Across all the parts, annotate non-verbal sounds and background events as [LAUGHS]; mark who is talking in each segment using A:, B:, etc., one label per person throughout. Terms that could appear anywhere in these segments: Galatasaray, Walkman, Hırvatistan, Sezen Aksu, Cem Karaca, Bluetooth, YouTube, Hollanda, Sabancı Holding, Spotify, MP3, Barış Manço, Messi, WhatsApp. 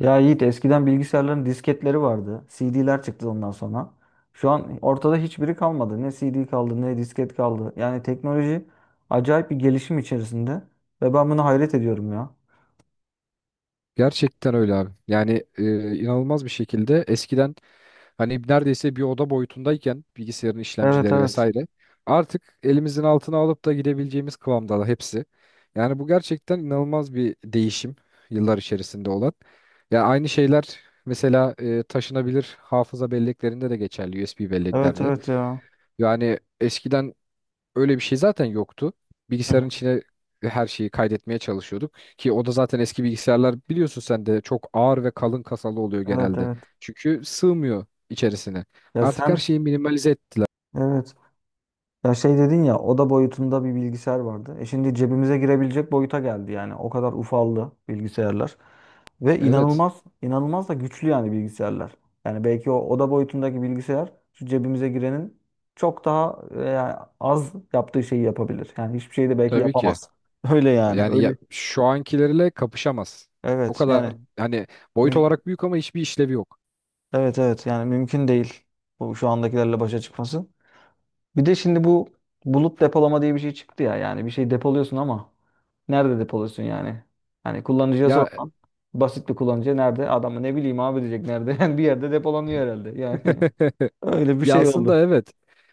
A: Ya Yiğit eskiden bilgisayarların disketleri vardı. CD'ler çıktı ondan sonra. Şu an ortada hiçbiri kalmadı. Ne CD kaldı ne disket kaldı. Yani teknoloji acayip bir gelişim içerisinde ve ben buna hayret ediyorum ya.
B: Gerçekten öyle abi. Yani inanılmaz bir şekilde eskiden hani neredeyse bir oda boyutundayken bilgisayarın
A: Evet
B: işlemcileri
A: evet.
B: vesaire artık elimizin altına alıp da gidebileceğimiz kıvamda hepsi. Yani bu gerçekten inanılmaz bir değişim yıllar içerisinde olan. Ya aynı şeyler mesela taşınabilir hafıza belleklerinde de geçerli USB
A: Evet
B: belleklerde.
A: evet ya.
B: Yani eskiden öyle bir şey zaten yoktu.
A: Hı
B: Bilgisayarın
A: hı.
B: içine her şeyi kaydetmeye çalışıyorduk ki o da zaten eski bilgisayarlar biliyorsun sen de çok ağır ve kalın kasalı oluyor
A: Evet
B: genelde.
A: evet.
B: Çünkü sığmıyor içerisine.
A: Ya
B: Artık her
A: sen
B: şeyi minimalize ettiler.
A: evet. Ya şey dedin ya oda boyutunda bir bilgisayar vardı. E şimdi cebimize girebilecek boyuta geldi yani. O kadar ufaldı bilgisayarlar. Ve
B: Evet,
A: inanılmaz, inanılmaz da güçlü yani bilgisayarlar. Yani belki o oda boyutundaki bilgisayar şu cebimize girenin çok daha yani az yaptığı şeyi yapabilir. Yani hiçbir şeyi de belki
B: tabii ki.
A: yapamaz. Öyle yani.
B: Yani ya,
A: Öyle.
B: şu ankilerle kapışamaz. O
A: Evet
B: kadar
A: yani.
B: hani boyut
A: müm-
B: olarak büyük ama hiçbir işlevi yok.
A: Evet evet yani mümkün değil. Bu şu andakilerle başa çıkması. Bir de şimdi bu bulut depolama diye bir şey çıktı ya. Yani bir şey depoluyorsun ama nerede depoluyorsun yani? Hani kullanıcıya
B: Ya
A: sorsan basit bir kullanıcı nerede? Adamı ne bileyim abi diyecek nerede? [LAUGHS] Yani bir yerde depolanıyor herhalde. Yani [LAUGHS]
B: [LAUGHS]
A: öyle bir
B: ya
A: şey oldu.
B: aslında evet.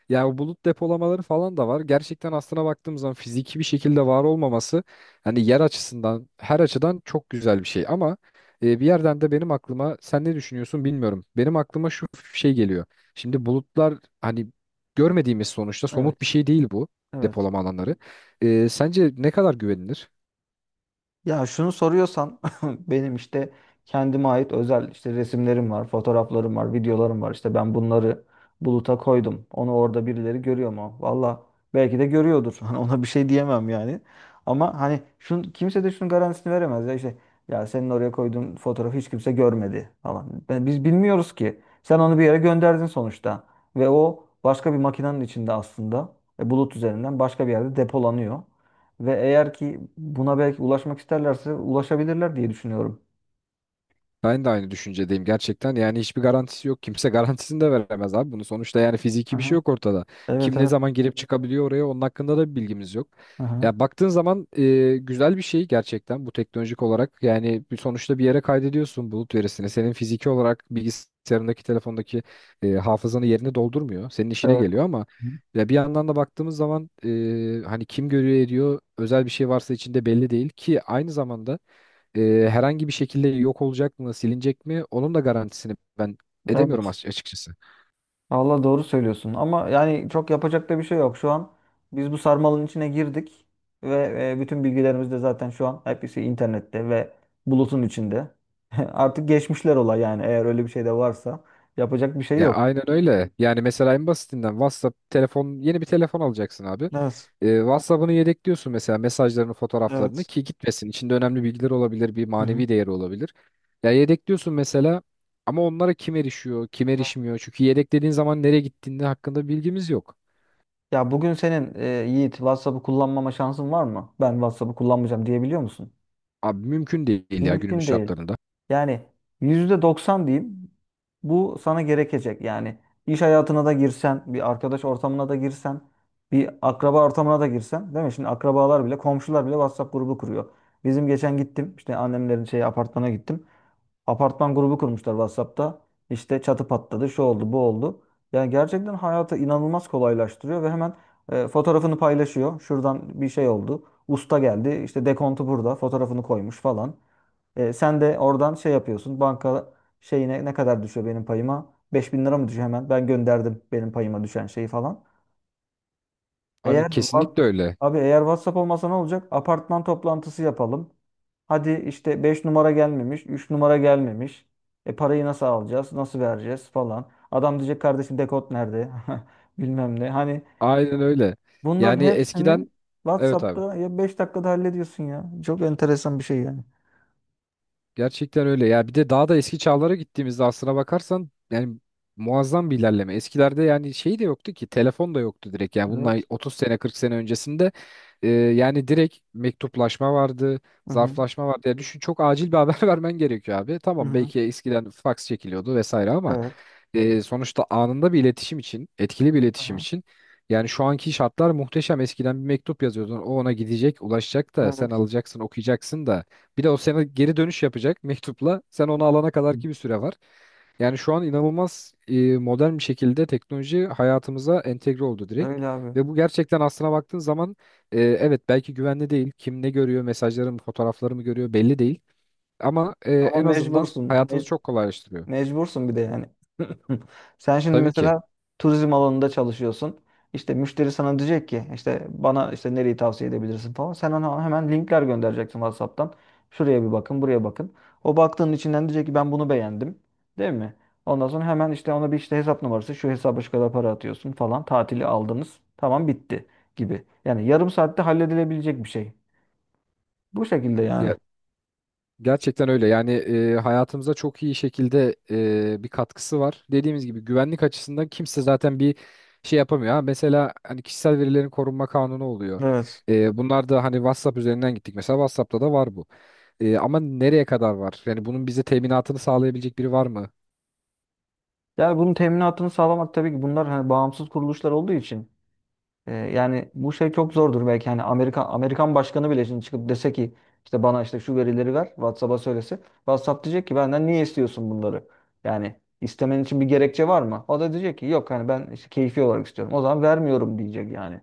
B: Ya o bulut depolamaları falan da var. Gerçekten aslına baktığım zaman fiziki bir şekilde var olmaması hani yer açısından her açıdan çok güzel bir şey. Ama bir yerden de benim aklıma sen ne düşünüyorsun bilmiyorum. Benim aklıma şu şey geliyor. Şimdi bulutlar hani görmediğimiz sonuçta somut
A: Evet.
B: bir şey değil bu
A: Evet.
B: depolama alanları. Sence ne kadar güvenilir?
A: Ya şunu soruyorsan [LAUGHS] benim işte kendime ait özel işte resimlerim var, fotoğraflarım var, videolarım var. İşte ben bunları buluta koydum. Onu orada birileri görüyor mu? Valla belki de görüyordur. [LAUGHS] Hani ona bir şey diyemem yani. Ama hani şun, kimse de şunun garantisini veremez ya işte ya senin oraya koyduğun fotoğrafı hiç kimse görmedi falan. Ben- biz bilmiyoruz ki. Sen onu bir yere gönderdin sonuçta ve o başka bir makinenin içinde aslında bulut üzerinden başka bir yerde depolanıyor. Ve eğer ki buna belki ulaşmak isterlerse ulaşabilirler diye düşünüyorum.
B: Ben de aynı düşüncedeyim gerçekten. Yani hiçbir garantisi yok. Kimse [LAUGHS] garantisini de veremez abi. Bunu sonuçta yani fiziki bir
A: Aha.
B: şey yok ortada.
A: Evet
B: Kim ne
A: evet.
B: zaman girip çıkabiliyor oraya onun hakkında da bir bilgimiz yok.
A: Aha.
B: Ya baktığın zaman güzel bir şey gerçekten bu teknolojik olarak. Yani bir sonuçta bir yere kaydediyorsun bulut verisini. Senin fiziki olarak bilgisayarındaki, telefondaki hafızanı yerine doldurmuyor. Senin işine
A: Evet.
B: geliyor ama ya bir yandan da baktığımız zaman hani kim görüyor ediyor özel bir şey varsa içinde belli değil ki aynı zamanda herhangi bir şekilde yok olacak mı, silinecek mi? Onun da garantisini ben edemiyorum
A: Evet.
B: açıkçası.
A: Allah doğru söylüyorsun. Ama yani çok yapacak da bir şey yok. Şu an biz bu sarmalın içine girdik ve bütün bilgilerimiz de zaten şu an hepsi internette ve bulutun içinde. [LAUGHS] Artık geçmişler olay yani eğer öyle bir şey de varsa yapacak bir şey
B: Ya
A: yok.
B: aynen öyle. Yani mesela en basitinden WhatsApp telefon yeni bir telefon alacaksın abi.
A: Evet.
B: WhatsApp'ını yedekliyorsun mesela mesajlarını, fotoğraflarını
A: Evet.
B: ki gitmesin. İçinde önemli bilgiler olabilir, bir
A: Aha.
B: manevi değeri olabilir. Ya yedekliyorsun mesela ama onlara kim erişiyor, kim erişmiyor? Çünkü yedeklediğin zaman nereye gittiğinde hakkında bilgimiz yok.
A: Ya bugün senin Yiğit WhatsApp'ı kullanmama şansın var mı? Ben WhatsApp'ı kullanmayacağım diyebiliyor musun?
B: Abi mümkün değil ya günümüz
A: Mümkün değil.
B: şartlarında.
A: Yani %90 diyeyim bu sana gerekecek. Yani iş hayatına da girsen, bir arkadaş ortamına da girsen, bir akraba ortamına da girsen, değil mi? Şimdi akrabalar bile, komşular bile WhatsApp grubu kuruyor. Bizim geçen gittim, işte annemlerin şey apartmana gittim. Apartman grubu kurmuşlar WhatsApp'ta. İşte çatı patladı, şu oldu, bu oldu. Yani gerçekten hayatı inanılmaz kolaylaştırıyor ve hemen fotoğrafını paylaşıyor. Şuradan bir şey oldu. Usta geldi, işte dekontu burada, fotoğrafını koymuş falan. E, sen de oradan şey yapıyorsun. Banka şeyine ne kadar düşüyor benim payıma? Beş bin lira mı düşüyor hemen? Ben gönderdim benim payıma düşen şeyi falan.
B: Abi
A: Eğer var,
B: kesinlikle öyle.
A: abi eğer WhatsApp olmasa ne olacak? Apartman toplantısı yapalım. Hadi işte 5 numara gelmemiş, 3 numara gelmemiş. E parayı nasıl alacağız? Nasıl vereceğiz falan. Adam diyecek kardeşim dekod nerede? [LAUGHS] Bilmem ne. Hani
B: Aynen öyle. Yani
A: bunların
B: eskiden
A: hepsini
B: evet abi.
A: WhatsApp'ta ya 5 dakikada hallediyorsun ya. Çok enteresan bir şey yani.
B: Gerçekten öyle ya bir de daha da eski çağlara gittiğimizde aslına bakarsan yani muazzam bir ilerleme. Eskilerde yani şey de yoktu ki telefon da yoktu direkt yani bunlar
A: Evet.
B: 30 sene 40 sene öncesinde yani direkt mektuplaşma vardı,
A: Hı hı.
B: zarflaşma vardı. Yani düşün çok acil bir haber [LAUGHS] vermen gerekiyor abi.
A: Hı
B: Tamam
A: hı.
B: belki eskiden faks çekiliyordu vesaire ama
A: Evet.
B: sonuçta anında bir iletişim için, etkili bir iletişim
A: Aha.
B: için yani şu anki şartlar muhteşem. Eskiden bir mektup yazıyordun. O ona gidecek, ulaşacak da sen
A: Evet.
B: alacaksın, okuyacaksın da bir de o sana geri dönüş yapacak mektupla. Sen onu alana kadar ki bir süre var. Yani şu an inanılmaz modern bir şekilde teknoloji hayatımıza entegre oldu direkt.
A: Öyle abi.
B: Ve bu gerçekten aslına baktığın zaman evet belki güvenli değil. Kim ne görüyor, mesajlarımı, fotoğraflarımı görüyor belli değil. Ama
A: Ama
B: en azından
A: mecbursun.
B: hayatımızı
A: Mec-
B: çok kolaylaştırıyor.
A: mecbursun bir de yani. [LAUGHS] Sen şimdi
B: Tabii ki.
A: mesela turizm alanında çalışıyorsun. İşte müşteri sana diyecek ki işte bana işte nereyi tavsiye edebilirsin falan. Sen ona hemen linkler göndereceksin WhatsApp'tan. Şuraya bir bakın, buraya bakın. O baktığın içinden diyecek ki ben bunu beğendim. Değil mi? Ondan sonra hemen işte ona bir işte hesap numarası, şu hesaba şu kadar para atıyorsun falan. Tatili aldınız. Tamam bitti gibi. Yani yarım saatte halledilebilecek bir şey. Bu şekilde yani.
B: Ya gerçekten öyle. Yani hayatımıza çok iyi şekilde bir katkısı var. Dediğimiz gibi güvenlik açısından kimse zaten bir şey yapamıyor. Ha, mesela hani kişisel verilerin korunma kanunu oluyor.
A: Evet.
B: Bunlar da hani WhatsApp üzerinden gittik. Mesela WhatsApp'ta da var bu. Ama nereye kadar var? Yani bunun bize teminatını sağlayabilecek biri var mı?
A: Yani bunun teminatını sağlamak tabii ki bunlar hani bağımsız kuruluşlar olduğu için yani bu şey çok zordur belki hani Amerikan başkanı bile şimdi çıkıp dese ki işte bana işte şu verileri ver WhatsApp'a söylese WhatsApp diyecek ki benden niye istiyorsun bunları? Yani istemen için bir gerekçe var mı? O da diyecek ki yok hani ben işte keyfi olarak istiyorum. O zaman vermiyorum diyecek yani.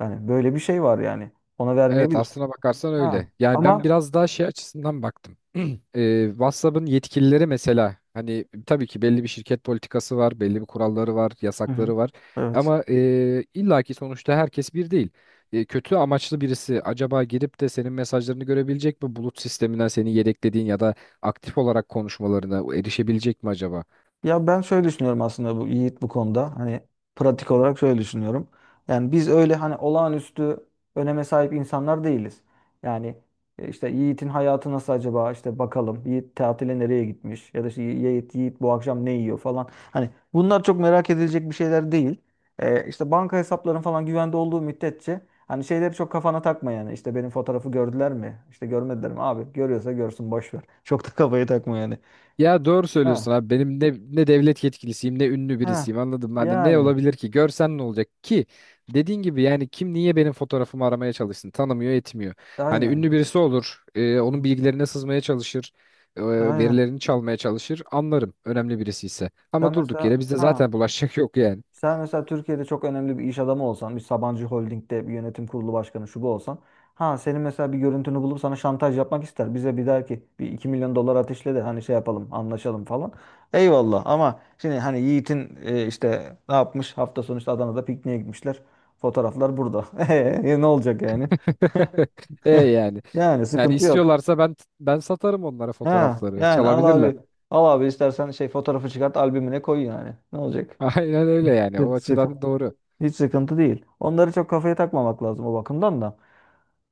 A: Yani böyle bir şey var yani. Ona
B: Evet
A: vermeyebilir.
B: aslına bakarsan
A: Ha.
B: öyle. Yani ben
A: Ama
B: biraz daha şey açısından baktım. [CLEARS THROAT] WhatsApp'ın yetkilileri mesela hani tabii ki belli bir şirket politikası var, belli bir kuralları var,
A: hı hı.
B: yasakları var.
A: Evet.
B: Ama illaki sonuçta herkes bir değil. Kötü amaçlı birisi acaba girip de senin mesajlarını görebilecek mi? Bulut sisteminden seni yedeklediğin ya da aktif olarak konuşmalarına erişebilecek mi acaba?
A: Ya ben şöyle düşünüyorum aslında bu Yiğit bu konuda. Hani pratik olarak şöyle düşünüyorum. Yani biz öyle hani olağanüstü öneme sahip insanlar değiliz. Yani işte Yiğit'in hayatı nasıl acaba işte bakalım. Yiğit tatile nereye gitmiş ya da işte Yiğit bu akşam ne yiyor falan. Hani bunlar çok merak edilecek bir şeyler değil. E, işte banka hesapların falan güvende olduğu müddetçe hani şeyleri çok kafana takma yani. İşte benim fotoğrafı gördüler mi? İşte görmediler mi? Abi görüyorsa görsün boş ver. Çok da kafayı takma yani.
B: Ya doğru
A: Ha.
B: söylüyorsun abi. Benim ne devlet yetkilisiyim ne ünlü
A: Ha.
B: birisiyim anladın mı? Hani ne
A: Yani.
B: olabilir ki? Görsen ne olacak ki? Dediğin gibi yani kim niye benim fotoğrafımı aramaya çalışsın? Tanımıyor etmiyor. Hani
A: Aynen.
B: ünlü birisi olur.
A: Hı
B: Onun
A: hı.
B: bilgilerine sızmaya çalışır. e,
A: Aynen.
B: verilerini çalmaya çalışır. Anlarım önemli birisi ise. Ama
A: Sen
B: durduk
A: mesela
B: yere bizde
A: ha
B: zaten bulaşacak yok yani.
A: sen mesela Türkiye'de çok önemli bir iş adamı olsan, bir Sabancı Holding'de bir yönetim kurulu başkanı şu bu olsan, ha senin mesela bir görüntünü bulup sana şantaj yapmak ister. Bize bir der ki bir 2 milyon dolar ateşle de hani şey yapalım, anlaşalım falan. Eyvallah ama şimdi hani Yiğit'in işte ne yapmış hafta sonu işte Adana'da pikniğe gitmişler. Fotoğraflar burada. [LAUGHS] E, ne olacak yani?
B: [LAUGHS] E
A: [LAUGHS]
B: yani.
A: Yani
B: Yani
A: sıkıntı yok.
B: istiyorlarsa ben satarım onlara
A: Ha
B: fotoğrafları.
A: yani al
B: Çalabilirler.
A: abi. Al abi istersen şey fotoğrafı çıkart albümüne koy yani. Ne olacak?
B: [LAUGHS] Aynen öyle yani. O
A: Hiç [LAUGHS]
B: açıdan
A: sıkıntı,
B: doğru.
A: hiç sıkıntı değil. Onları çok kafaya takmamak lazım o bakımdan da.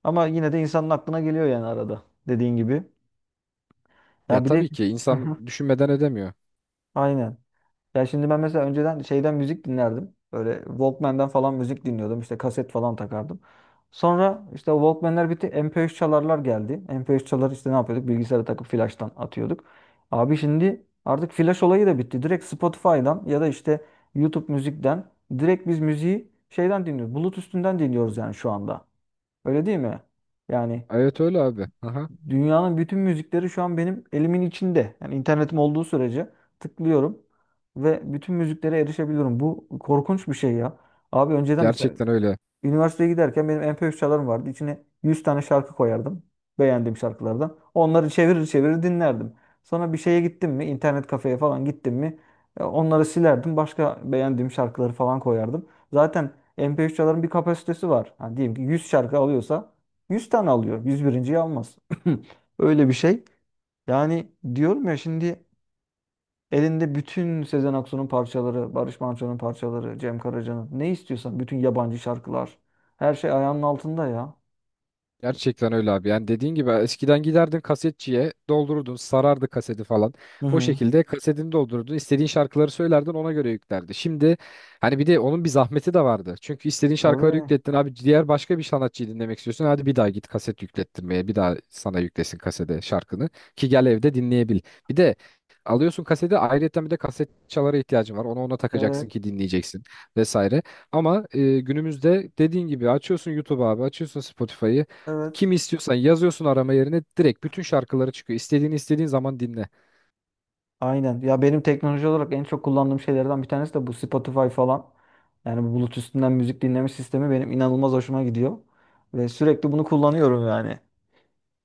A: Ama yine de insanın aklına geliyor yani arada. Dediğin gibi.
B: Ya
A: Ya bir de
B: tabii ki
A: [LAUGHS]
B: insan
A: hı
B: düşünmeden edemiyor.
A: aynen. Ya şimdi ben mesela önceden şeyden müzik dinlerdim. Böyle Walkman'den falan müzik dinliyordum. İşte kaset falan takardım. Sonra işte o Walkman'ler bitti. MP3 çalarlar geldi. MP3 çalar işte ne yapıyorduk? Bilgisayara takıp flash'tan atıyorduk. Abi şimdi artık flash olayı da bitti. Direkt Spotify'dan ya da işte YouTube müzikten direkt biz müziği şeyden dinliyoruz. Bluetooth'ünden dinliyoruz yani şu anda. Öyle değil mi? Yani
B: Evet öyle abi. Aha.
A: dünyanın bütün müzikleri şu an benim elimin içinde. Yani internetim olduğu sürece tıklıyorum ve bütün müziklere erişebiliyorum. Bu korkunç bir şey ya. Abi önceden mesela
B: Gerçekten öyle.
A: üniversiteye giderken benim MP3 çalarım vardı. İçine 100 tane şarkı koyardım. Beğendiğim şarkılardan. Onları çevirir çevirir dinlerdim. Sonra bir şeye gittim mi, internet kafeye falan gittim mi, onları silerdim. Başka beğendiğim şarkıları falan koyardım. Zaten MP3 çaların bir kapasitesi var. Hani diyelim ki 100 şarkı alıyorsa 100 tane alıyor. 101'inciyi.yi almaz. [CLEARS THROAT] Öyle bir şey. Yani diyorum ya şimdi elinde bütün Sezen Aksu'nun parçaları, Barış Manço'nun parçaları, Cem Karaca'nın ne istiyorsan bütün yabancı şarkılar. Her şey ayağının altında ya.
B: Gerçekten öyle abi. Yani dediğin gibi eskiden giderdin kasetçiye doldururdun, sarardı kaseti falan.
A: Hı
B: O
A: hı.
B: şekilde kasetini doldururdun, istediğin şarkıları söylerdin ona göre yüklerdi. Şimdi hani bir de onun bir zahmeti de vardı. Çünkü istediğin şarkıları
A: Tabii.
B: yüklettin abi diğer başka bir sanatçıyı dinlemek istiyorsun. Hadi bir daha git kaset yüklettirmeye bir daha sana yüklesin kasede şarkını ki gel evde dinleyebil. Bir de alıyorsun kaseti ayrıyeten bir de kaset çalara ihtiyacın var. Onu ona takacaksın
A: Evet.
B: ki dinleyeceksin vesaire. Ama günümüzde dediğin gibi açıyorsun YouTube abi, açıyorsun Spotify'ı.
A: Evet.
B: Kimi istiyorsan yazıyorsun arama yerine direkt bütün şarkıları çıkıyor. İstediğini istediğin zaman dinle.
A: Aynen. Ya benim teknoloji olarak en çok kullandığım şeylerden bir tanesi de bu Spotify falan. Yani bu Bluetooth üstünden müzik dinleme sistemi benim inanılmaz hoşuma gidiyor. Ve sürekli bunu kullanıyorum yani.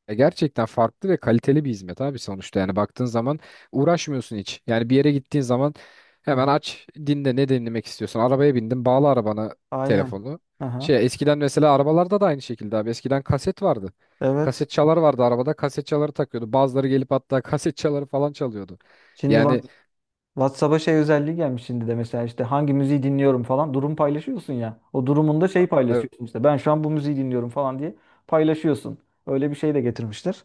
B: Ya gerçekten farklı ve kaliteli bir hizmet abi sonuçta. Yani baktığın zaman uğraşmıyorsun hiç. Yani bir yere gittiğin zaman
A: Hı
B: hemen
A: hı.
B: aç dinle ne dinlemek istiyorsun. Arabaya bindin bağla arabana
A: Aynen.
B: telefonu.
A: Aha.
B: Şey eskiden mesela arabalarda da aynı şekilde abi. Eskiden kaset vardı.
A: Evet.
B: Kaset çalar vardı arabada kaset çaları takıyordu. Bazıları gelip hatta [LAUGHS] kaset çaları falan çalıyordu.
A: Şimdi
B: Yani
A: bak WhatsApp'a şey özelliği gelmiş şimdi de mesela işte hangi müziği dinliyorum falan durum paylaşıyorsun ya. O durumunda şey
B: e,
A: paylaşıyorsun işte ben şu an bu müziği dinliyorum falan diye paylaşıyorsun. Öyle bir şey de getirmişler.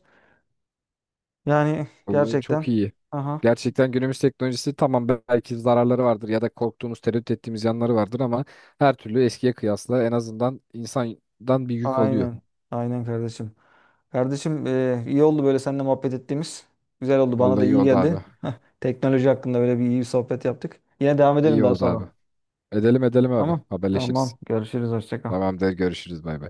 A: Yani
B: vallahi çok
A: gerçekten
B: iyi.
A: aha
B: Gerçekten günümüz teknolojisi tamam belki zararları vardır ya da korktuğumuz, tereddüt ettiğimiz yanları vardır ama her türlü eskiye kıyasla en azından insandan bir yük alıyor.
A: aynen aynen kardeşim. Kardeşim iyi oldu böyle seninle muhabbet ettiğimiz. Güzel oldu bana da
B: Vallahi iyi
A: iyi
B: oldu abi.
A: geldi. Heh, teknoloji hakkında böyle bir iyi bir sohbet yaptık. Yine devam edelim
B: İyi
A: daha
B: oldu abi.
A: sonra.
B: Edelim edelim abi.
A: Tamam.
B: Haberleşiriz.
A: Tamam. Görüşürüz. Hoşça kal.
B: Tamamdır görüşürüz bay bay.